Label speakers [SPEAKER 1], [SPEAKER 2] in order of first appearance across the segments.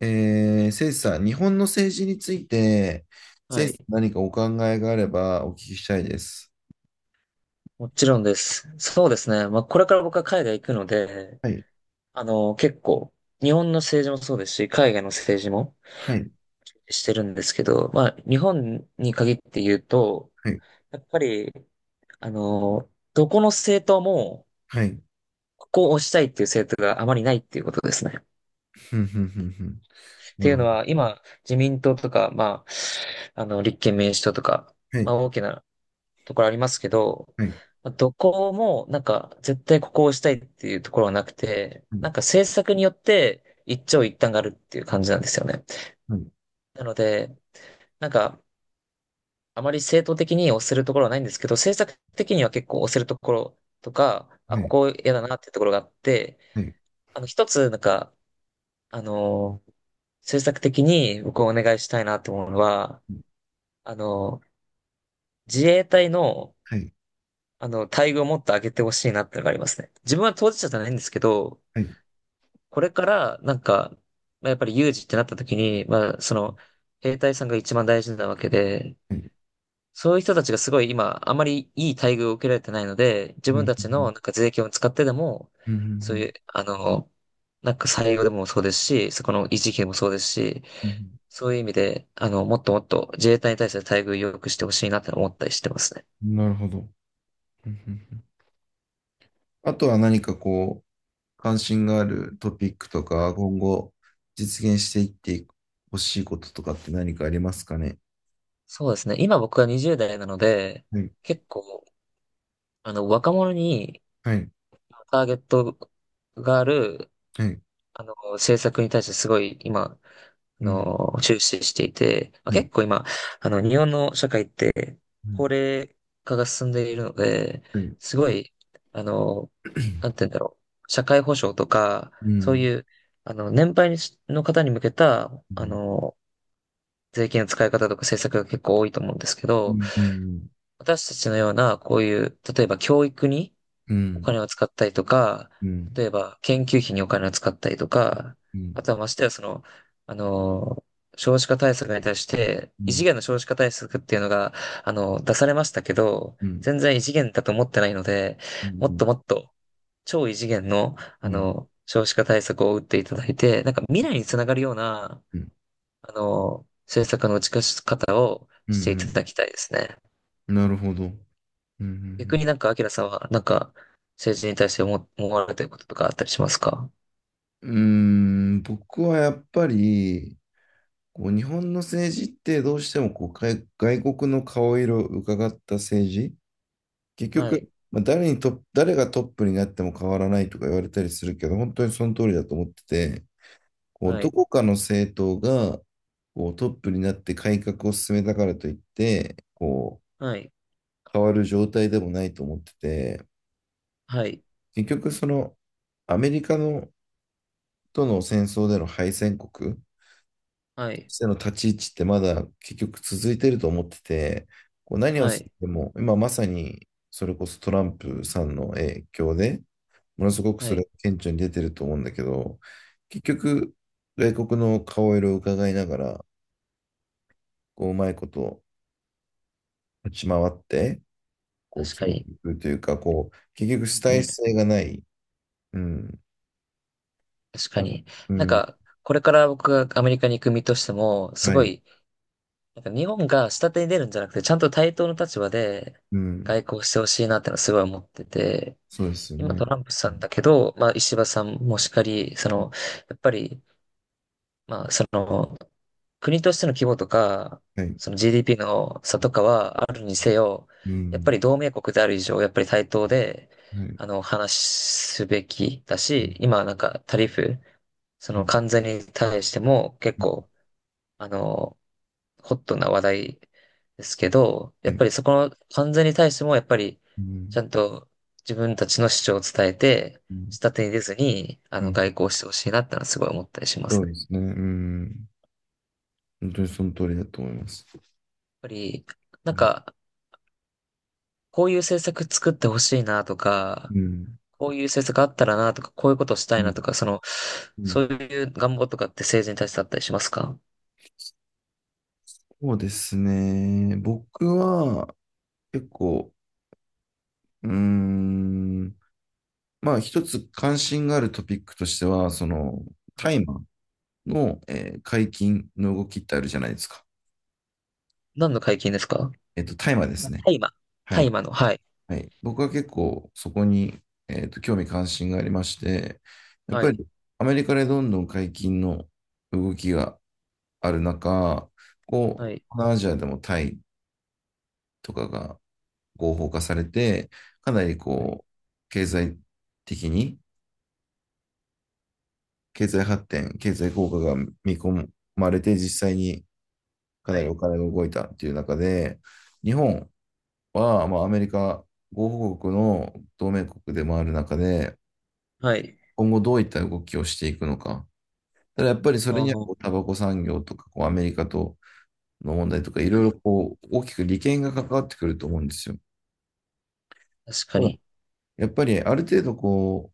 [SPEAKER 1] 誠司さん、日本の政治について、
[SPEAKER 2] は
[SPEAKER 1] 誠司さ
[SPEAKER 2] い。
[SPEAKER 1] ん何かお考えがあればお聞きしたいです。
[SPEAKER 2] もちろんです。そうですね。まあ、これから僕は海外行くので、
[SPEAKER 1] はい、
[SPEAKER 2] 結構、日本の政治もそうですし、海外の政治も
[SPEAKER 1] はい、
[SPEAKER 2] してるんですけど、まあ、日本に限って言うと、
[SPEAKER 1] はい、
[SPEAKER 2] やっぱり、どこの政党も、
[SPEAKER 1] はい。
[SPEAKER 2] ここを押したいっていう政党があまりないっていうことですね。っ
[SPEAKER 1] ふんふんふんふん。な
[SPEAKER 2] てい
[SPEAKER 1] る
[SPEAKER 2] う
[SPEAKER 1] ほ
[SPEAKER 2] の
[SPEAKER 1] ど。
[SPEAKER 2] は、今、自民党とか、まあ、立憲民主党とか、
[SPEAKER 1] は
[SPEAKER 2] ま
[SPEAKER 1] い、
[SPEAKER 2] あ、大きなところありますけど、
[SPEAKER 1] はい、
[SPEAKER 2] まあどこもなんか絶対ここを押したいっていうところはなくて、
[SPEAKER 1] はい、
[SPEAKER 2] なんか政策によって一長一短があるっていう感じなんですよね。
[SPEAKER 1] はい、
[SPEAKER 2] なので、なんかあまり正当的に押せるところはないんですけど、政策的には結構押せるところとか、あ、
[SPEAKER 1] は
[SPEAKER 2] こ
[SPEAKER 1] い、
[SPEAKER 2] こ嫌だなっていうところがあって、
[SPEAKER 1] はい、
[SPEAKER 2] 一つなんか、あの政策的に僕をお願いしたいなと思うのは、あの自衛隊の
[SPEAKER 1] はい、
[SPEAKER 2] 待遇をもっと上げてほしいなってのがありますね。自分は当事者じゃないんですけど、
[SPEAKER 1] はい、
[SPEAKER 2] これから、なんか、まあ、やっぱり有事ってなった時に、まあ、その、兵隊さんが一番大事なわけで、
[SPEAKER 1] はい。
[SPEAKER 2] そういう人たちがすごい今、あまりいい待遇を受けられてないので、自
[SPEAKER 1] ふ
[SPEAKER 2] 分
[SPEAKER 1] ん
[SPEAKER 2] た
[SPEAKER 1] ふ
[SPEAKER 2] ちのな
[SPEAKER 1] ん
[SPEAKER 2] んか税金を使ってでも、
[SPEAKER 1] ふんふんふんふ
[SPEAKER 2] そうい
[SPEAKER 1] ん
[SPEAKER 2] う、なんか採用でもそうですし、そこの維持費でもそうですし、
[SPEAKER 1] ふん
[SPEAKER 2] そういう意味で、もっともっと自衛隊に対して待遇を良くしてほしいなって思ったりしてますね。
[SPEAKER 1] なるほど。ふんふんふんあとは何かこう、関心があるトピックとか、今後実現していってほしいこととかって何かありますかね。
[SPEAKER 2] そうですね。今僕は20代なので、
[SPEAKER 1] はい、
[SPEAKER 2] 結構、若者に
[SPEAKER 1] はい、
[SPEAKER 2] ターゲットがある、
[SPEAKER 1] はい。
[SPEAKER 2] 政策に対してすごい今、
[SPEAKER 1] うん
[SPEAKER 2] 注視していて、まあ、
[SPEAKER 1] はい
[SPEAKER 2] 結構今、日本の社会って、
[SPEAKER 1] うん。
[SPEAKER 2] 高齢化が進んでいるので、
[SPEAKER 1] はい。
[SPEAKER 2] すごい、あの、なんて言うんだろう、社会保障とか、
[SPEAKER 1] う
[SPEAKER 2] そう
[SPEAKER 1] ん。
[SPEAKER 2] いう、年配の方に向けた、
[SPEAKER 1] うん。
[SPEAKER 2] 税金の使い方とか政策が結構多いと思うんですけ
[SPEAKER 1] う
[SPEAKER 2] ど、
[SPEAKER 1] ん。うん。
[SPEAKER 2] 私たちのような、こういう、例えば教育に
[SPEAKER 1] う
[SPEAKER 2] お
[SPEAKER 1] ん。
[SPEAKER 2] 金を使ったりとか、
[SPEAKER 1] うん。
[SPEAKER 2] 例えば研究費にお金を使ったりとか、
[SPEAKER 1] う
[SPEAKER 2] あ
[SPEAKER 1] ん。
[SPEAKER 2] とはましてはその、あの、少子化対策に対して、
[SPEAKER 1] う
[SPEAKER 2] 異次
[SPEAKER 1] ん。
[SPEAKER 2] 元の少子化対策っていうのが、出されましたけど、
[SPEAKER 1] うん。
[SPEAKER 2] 全
[SPEAKER 1] う
[SPEAKER 2] 然異次元だと思ってないので、もっ
[SPEAKER 1] ん。
[SPEAKER 2] ともっと、超異次元の、
[SPEAKER 1] うん。うん。
[SPEAKER 2] 少子化対策を打っていただいて、なんか未来につながるような、政策の打ち出し方を
[SPEAKER 1] う
[SPEAKER 2] していた
[SPEAKER 1] ん。
[SPEAKER 2] だきたいですね。
[SPEAKER 1] なるほど。うん。う
[SPEAKER 2] 逆
[SPEAKER 1] ん。
[SPEAKER 2] になんか、アキラさんは、なんか、政治に対して思われてることとかあったりしますか？
[SPEAKER 1] うーん、僕はやっぱり、こう日本の政治ってどうしてもこう外国の顔色を伺った政治、結
[SPEAKER 2] はい、
[SPEAKER 1] 局、まあ、誰にトップ誰がトップになっても変わらないとか言われたりするけど、本当にその通りだと思ってて、こう
[SPEAKER 2] は
[SPEAKER 1] ど
[SPEAKER 2] い、
[SPEAKER 1] こかの政党がこうトップになって改革を進めたからといって、こ
[SPEAKER 2] はい、
[SPEAKER 1] う変わる状態でもないと思ってて、
[SPEAKER 2] はい、
[SPEAKER 1] 結局そのアメリカのとの戦争での敗戦国と
[SPEAKER 2] はい、
[SPEAKER 1] しての立ち位置ってまだ結局続いてると思ってて、こう何を
[SPEAKER 2] は
[SPEAKER 1] し
[SPEAKER 2] い、
[SPEAKER 1] ても今まさにそれこそトランプさんの影響で、ものすごく
[SPEAKER 2] は
[SPEAKER 1] それ
[SPEAKER 2] い。
[SPEAKER 1] が顕著に出てると思うんだけど、結局外国の顔色を伺いながら、こううまいこと立ち回って、こう、
[SPEAKER 2] 確
[SPEAKER 1] 決
[SPEAKER 2] か
[SPEAKER 1] めて
[SPEAKER 2] に。
[SPEAKER 1] いくというか、こう、結局主
[SPEAKER 2] う
[SPEAKER 1] 体
[SPEAKER 2] ん、
[SPEAKER 1] 性がない。うん。
[SPEAKER 2] 確かに。
[SPEAKER 1] う
[SPEAKER 2] なん
[SPEAKER 1] ん。
[SPEAKER 2] か、これから僕がアメリカに行く身としても、す
[SPEAKER 1] は
[SPEAKER 2] ご
[SPEAKER 1] い。
[SPEAKER 2] い、なんか日本が下手に出るんじゃなくて、ちゃんと対等の立場で
[SPEAKER 1] う
[SPEAKER 2] 外
[SPEAKER 1] ん。
[SPEAKER 2] 交してほしいなってのはすごい思ってて、
[SPEAKER 1] そうですよ
[SPEAKER 2] 今
[SPEAKER 1] ね。
[SPEAKER 2] トランプ
[SPEAKER 1] う
[SPEAKER 2] さん
[SPEAKER 1] ん
[SPEAKER 2] だけど、まあ石破さんもしかり、その、やっぱり、まあその、国としての規模とか、
[SPEAKER 1] はい。
[SPEAKER 2] その GDP の差とかはあるにせよ、
[SPEAKER 1] う
[SPEAKER 2] やっぱ
[SPEAKER 1] ん。
[SPEAKER 2] り同盟国である以上、やっぱり対等で、
[SPEAKER 1] はい。
[SPEAKER 2] 話すべきだ
[SPEAKER 1] うん。
[SPEAKER 2] し、今なんかタリフ、そ
[SPEAKER 1] う
[SPEAKER 2] の
[SPEAKER 1] ん。
[SPEAKER 2] 関税に対しても結構、あの、ホットな話題ですけど、や
[SPEAKER 1] は
[SPEAKER 2] っぱ
[SPEAKER 1] い。
[SPEAKER 2] りそこの関税に対しても、やっぱり、
[SPEAKER 1] う
[SPEAKER 2] ち
[SPEAKER 1] ん。
[SPEAKER 2] ゃんと自分たちの主張を伝えて、
[SPEAKER 1] うん。
[SPEAKER 2] 下手に出ずに、
[SPEAKER 1] う
[SPEAKER 2] 外
[SPEAKER 1] ん
[SPEAKER 2] 交してほしいなってのはすごい思ったりしま
[SPEAKER 1] そ
[SPEAKER 2] す
[SPEAKER 1] う
[SPEAKER 2] ね。や
[SPEAKER 1] で
[SPEAKER 2] っ
[SPEAKER 1] すね。うん。本当にその通りだと思います。
[SPEAKER 2] ぱり、な
[SPEAKER 1] う
[SPEAKER 2] ん
[SPEAKER 1] ん。
[SPEAKER 2] か、こういう政策作ってほしいなとか、
[SPEAKER 1] うん。
[SPEAKER 2] こういう政策あったらなとか、こういうことした
[SPEAKER 1] う
[SPEAKER 2] い
[SPEAKER 1] ん
[SPEAKER 2] なとか、その、
[SPEAKER 1] う
[SPEAKER 2] そ
[SPEAKER 1] ん
[SPEAKER 2] ういう願望とかって政治に対してあったりしますか？
[SPEAKER 1] そうですね。僕は結構、うーん、まあ一つ関心があるトピックとしては、その、
[SPEAKER 2] は
[SPEAKER 1] タ
[SPEAKER 2] い。
[SPEAKER 1] イマーの、解禁の動きってあるじゃないですか。
[SPEAKER 2] 何の解禁ですか？
[SPEAKER 1] 大麻です
[SPEAKER 2] あ
[SPEAKER 1] ね。
[SPEAKER 2] 大麻。
[SPEAKER 1] は
[SPEAKER 2] 大
[SPEAKER 1] い。
[SPEAKER 2] 麻の、はい。
[SPEAKER 1] はい。僕は結構そこに、興味関心がありまして、やっ
[SPEAKER 2] は
[SPEAKER 1] ぱ
[SPEAKER 2] い。
[SPEAKER 1] りアメリカでどんどん解禁の動きがある中、こ
[SPEAKER 2] は
[SPEAKER 1] う、
[SPEAKER 2] い。
[SPEAKER 1] 東南アジアでもタイとかが合法化されて、かなり
[SPEAKER 2] はい。
[SPEAKER 1] こう、経済的に、経済発展、経済効果が見込まれて、実際にか
[SPEAKER 2] は
[SPEAKER 1] なり
[SPEAKER 2] い。
[SPEAKER 1] お金が動いたっていう中で、日本、は、まあ、アメリカ合カ国の同盟国でもある中で、
[SPEAKER 2] はい。
[SPEAKER 1] 今後どういった動きをしていくのか。ただやっぱりそれ
[SPEAKER 2] あ
[SPEAKER 1] にはこ
[SPEAKER 2] あ、
[SPEAKER 1] うタバコ産業とかこうアメリカとの問題とかい
[SPEAKER 2] 確
[SPEAKER 1] ろ
[SPEAKER 2] か
[SPEAKER 1] い
[SPEAKER 2] に。
[SPEAKER 1] ろこう大きく利権が関わってくると思うんですよ。
[SPEAKER 2] 確か
[SPEAKER 1] ただ
[SPEAKER 2] に。
[SPEAKER 1] やっぱりある程度こう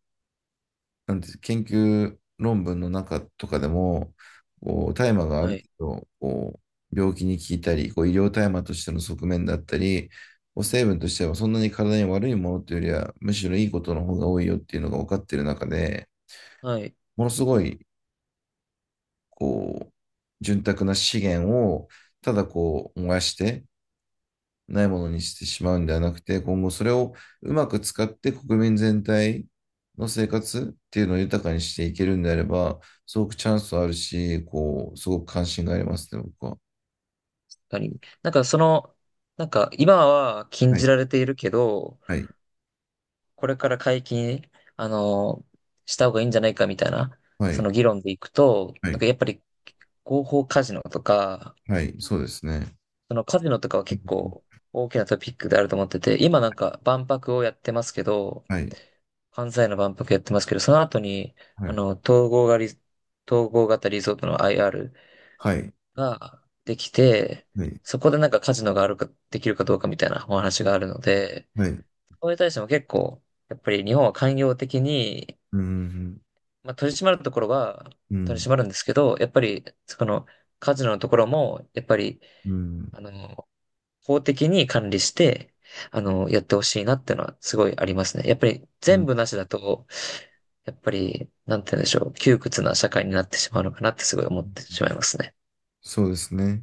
[SPEAKER 1] なんて研究論文の中とかでも、こう大麻があ
[SPEAKER 2] は
[SPEAKER 1] る
[SPEAKER 2] い。
[SPEAKER 1] 程度こう病気に効いたり、こう医療大麻としての側面だったり、こう成分としてはそんなに体に悪いものというよりは、むしろいいことの方が多いよっていうのが分かっている中で、
[SPEAKER 2] はい。
[SPEAKER 1] ものすごいこう潤沢な資源をただこう燃やして、ないものにしてしまうんではなくて、今後それをうまく使って国民全体の生活っていうのを豊かにしていけるんであれば、すごくチャンスあるし、こう、すごく関心がありますね、僕は。
[SPEAKER 2] 確かに。なんかその、なんか今は禁
[SPEAKER 1] は
[SPEAKER 2] じ
[SPEAKER 1] い。
[SPEAKER 2] られているけど、
[SPEAKER 1] はい。
[SPEAKER 2] これから解禁、あの、した方がいいんじゃないかみたいな、
[SPEAKER 1] は
[SPEAKER 2] そ
[SPEAKER 1] い。
[SPEAKER 2] の議論でいくと、
[SPEAKER 1] は
[SPEAKER 2] なん
[SPEAKER 1] い。
[SPEAKER 2] かやっぱり合法カジノとか、
[SPEAKER 1] はい。そうですね。
[SPEAKER 2] そのカジノとかは
[SPEAKER 1] う
[SPEAKER 2] 結
[SPEAKER 1] ん
[SPEAKER 2] 構大きなトピックであると思ってて、今なんか万博をやってますけど、
[SPEAKER 1] はい。
[SPEAKER 2] 関西の万博やってますけど、その後に、
[SPEAKER 1] は
[SPEAKER 2] あ
[SPEAKER 1] い。
[SPEAKER 2] の、統合がリ、統合型リゾートの IR
[SPEAKER 1] はい。
[SPEAKER 2] ができて、
[SPEAKER 1] はい。
[SPEAKER 2] そこでなんかカジノがあるか、できるかどうかみたいなお話があるので、
[SPEAKER 1] はい。
[SPEAKER 2] それに対しても結構、やっぱり日本は寛容的に、
[SPEAKER 1] うん。
[SPEAKER 2] まあ、取り締まるところは
[SPEAKER 1] う
[SPEAKER 2] 取り
[SPEAKER 1] ん。
[SPEAKER 2] 締まるんですけど、やっぱり、その、カジノのところも、やっぱり、
[SPEAKER 1] うん。
[SPEAKER 2] あの、法的に管理して、
[SPEAKER 1] うん。
[SPEAKER 2] やってほしいなってのはすごいありますね。やっぱり全部
[SPEAKER 1] う
[SPEAKER 2] なしだと、やっぱり、なんて言うんでしょう、窮屈な社会になってしまうのかなってすごい思ってしまい
[SPEAKER 1] ん
[SPEAKER 2] ますね。
[SPEAKER 1] そうですね。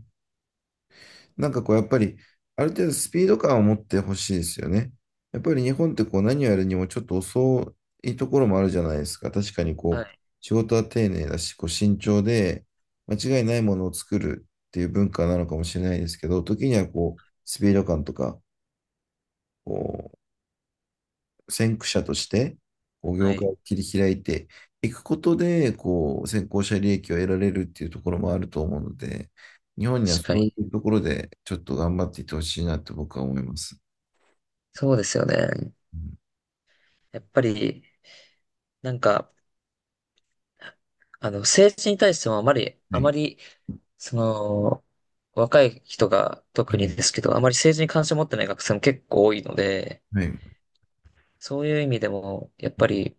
[SPEAKER 1] なんかこう、やっぱり、ある程度スピード感を持ってほしいですよね。やっぱり日本ってこう、何をやるにもちょっと遅いところもあるじゃないですか。確かに
[SPEAKER 2] は
[SPEAKER 1] こう、
[SPEAKER 2] い。
[SPEAKER 1] 仕事は丁寧だし、こう、慎重で、間違いないものを作るっていう文化なのかもしれないですけど、時にはこう、スピード感とか、こ先駆者として、こう
[SPEAKER 2] は
[SPEAKER 1] 業界
[SPEAKER 2] い。
[SPEAKER 1] を切り開いていくことで、こう、先行者利益を得られるっていうところもあると思うので、日本には
[SPEAKER 2] 確
[SPEAKER 1] そ
[SPEAKER 2] か
[SPEAKER 1] うい
[SPEAKER 2] に。
[SPEAKER 1] うところで、ちょっと頑張っていってほしいなって僕は思います。
[SPEAKER 2] そうですよね。
[SPEAKER 1] うん
[SPEAKER 2] やっぱり、なんか、政治に対してもあまり、
[SPEAKER 1] は
[SPEAKER 2] あま
[SPEAKER 1] い。
[SPEAKER 2] り、その、若い人が
[SPEAKER 1] は
[SPEAKER 2] 特に
[SPEAKER 1] い。
[SPEAKER 2] ですけど、あまり政治に関心を持ってない学生も結構多いので、
[SPEAKER 1] はい。
[SPEAKER 2] そういう意味でも、やっぱり、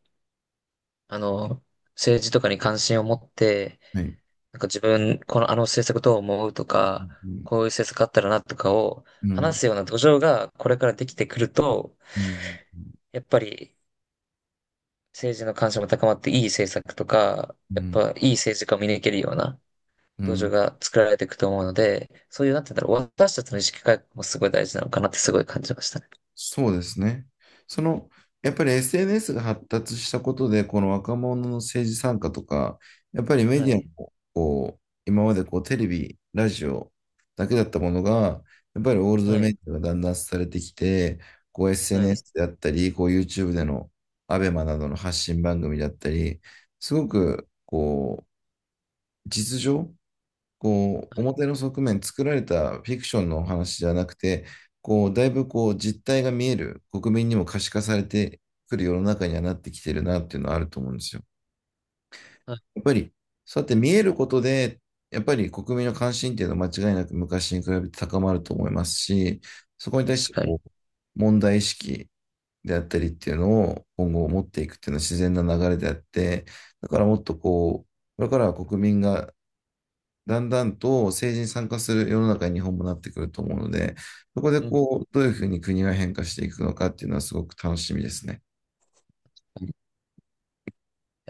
[SPEAKER 2] あの、政治とかに関心を持って、
[SPEAKER 1] はい。
[SPEAKER 2] なんか自分、このあの政策どう思うと
[SPEAKER 1] う
[SPEAKER 2] か、
[SPEAKER 1] ん。
[SPEAKER 2] こういう政策あったらなとかを
[SPEAKER 1] うん。
[SPEAKER 2] 話すような土壌がこれからできてくると、
[SPEAKER 1] うん。
[SPEAKER 2] やっぱり政治の関心も高まっていい政策とか、
[SPEAKER 1] う
[SPEAKER 2] やっ
[SPEAKER 1] ん。
[SPEAKER 2] ぱいい政治家を見抜けるような
[SPEAKER 1] う
[SPEAKER 2] 土壌
[SPEAKER 1] ん
[SPEAKER 2] が作られていくと思うので、そういう、なんて言うんだろう、私たちの意識改革もすごい大事なのかなってすごい感じましたね。
[SPEAKER 1] そうですね。その、やっぱり SNS が発達したことで、この若者の政治参加とか、やっぱりメ
[SPEAKER 2] は
[SPEAKER 1] ディア
[SPEAKER 2] い。
[SPEAKER 1] も、こう、今までこうテレビ、ラジオだけだったものが、やっぱりオールド
[SPEAKER 2] は
[SPEAKER 1] メ
[SPEAKER 2] い。
[SPEAKER 1] ディアがだんだんされてきて、こう
[SPEAKER 2] はい。
[SPEAKER 1] SNS であったり、こう YouTube でのアベマなどの発信番組だったり、すごく、こう、実情こう、表の側面、作られたフィクションのお話じゃなくて、こう、だいぶこう、実態が見える、国民にも可視化されてくる世の中にはなってきてるなっていうのはあると思うんですよ。
[SPEAKER 2] はい。
[SPEAKER 1] やっぱり、そうやって見えることで、やっぱり国民の関心っていうのは間違いなく昔に比べて高まると思いますし、そこに対
[SPEAKER 2] 確
[SPEAKER 1] して
[SPEAKER 2] かに。
[SPEAKER 1] こう、問題意識であったりっていうのを今後持っていくっていうのは自然な流れであって、だからもっとこう、これからは国民がだんだんと政治に参加する世の中に日本もなってくると思うので、そこで
[SPEAKER 2] うん。
[SPEAKER 1] こう、どういうふうに国が変化していくのかっていうのはすごく楽しみですね。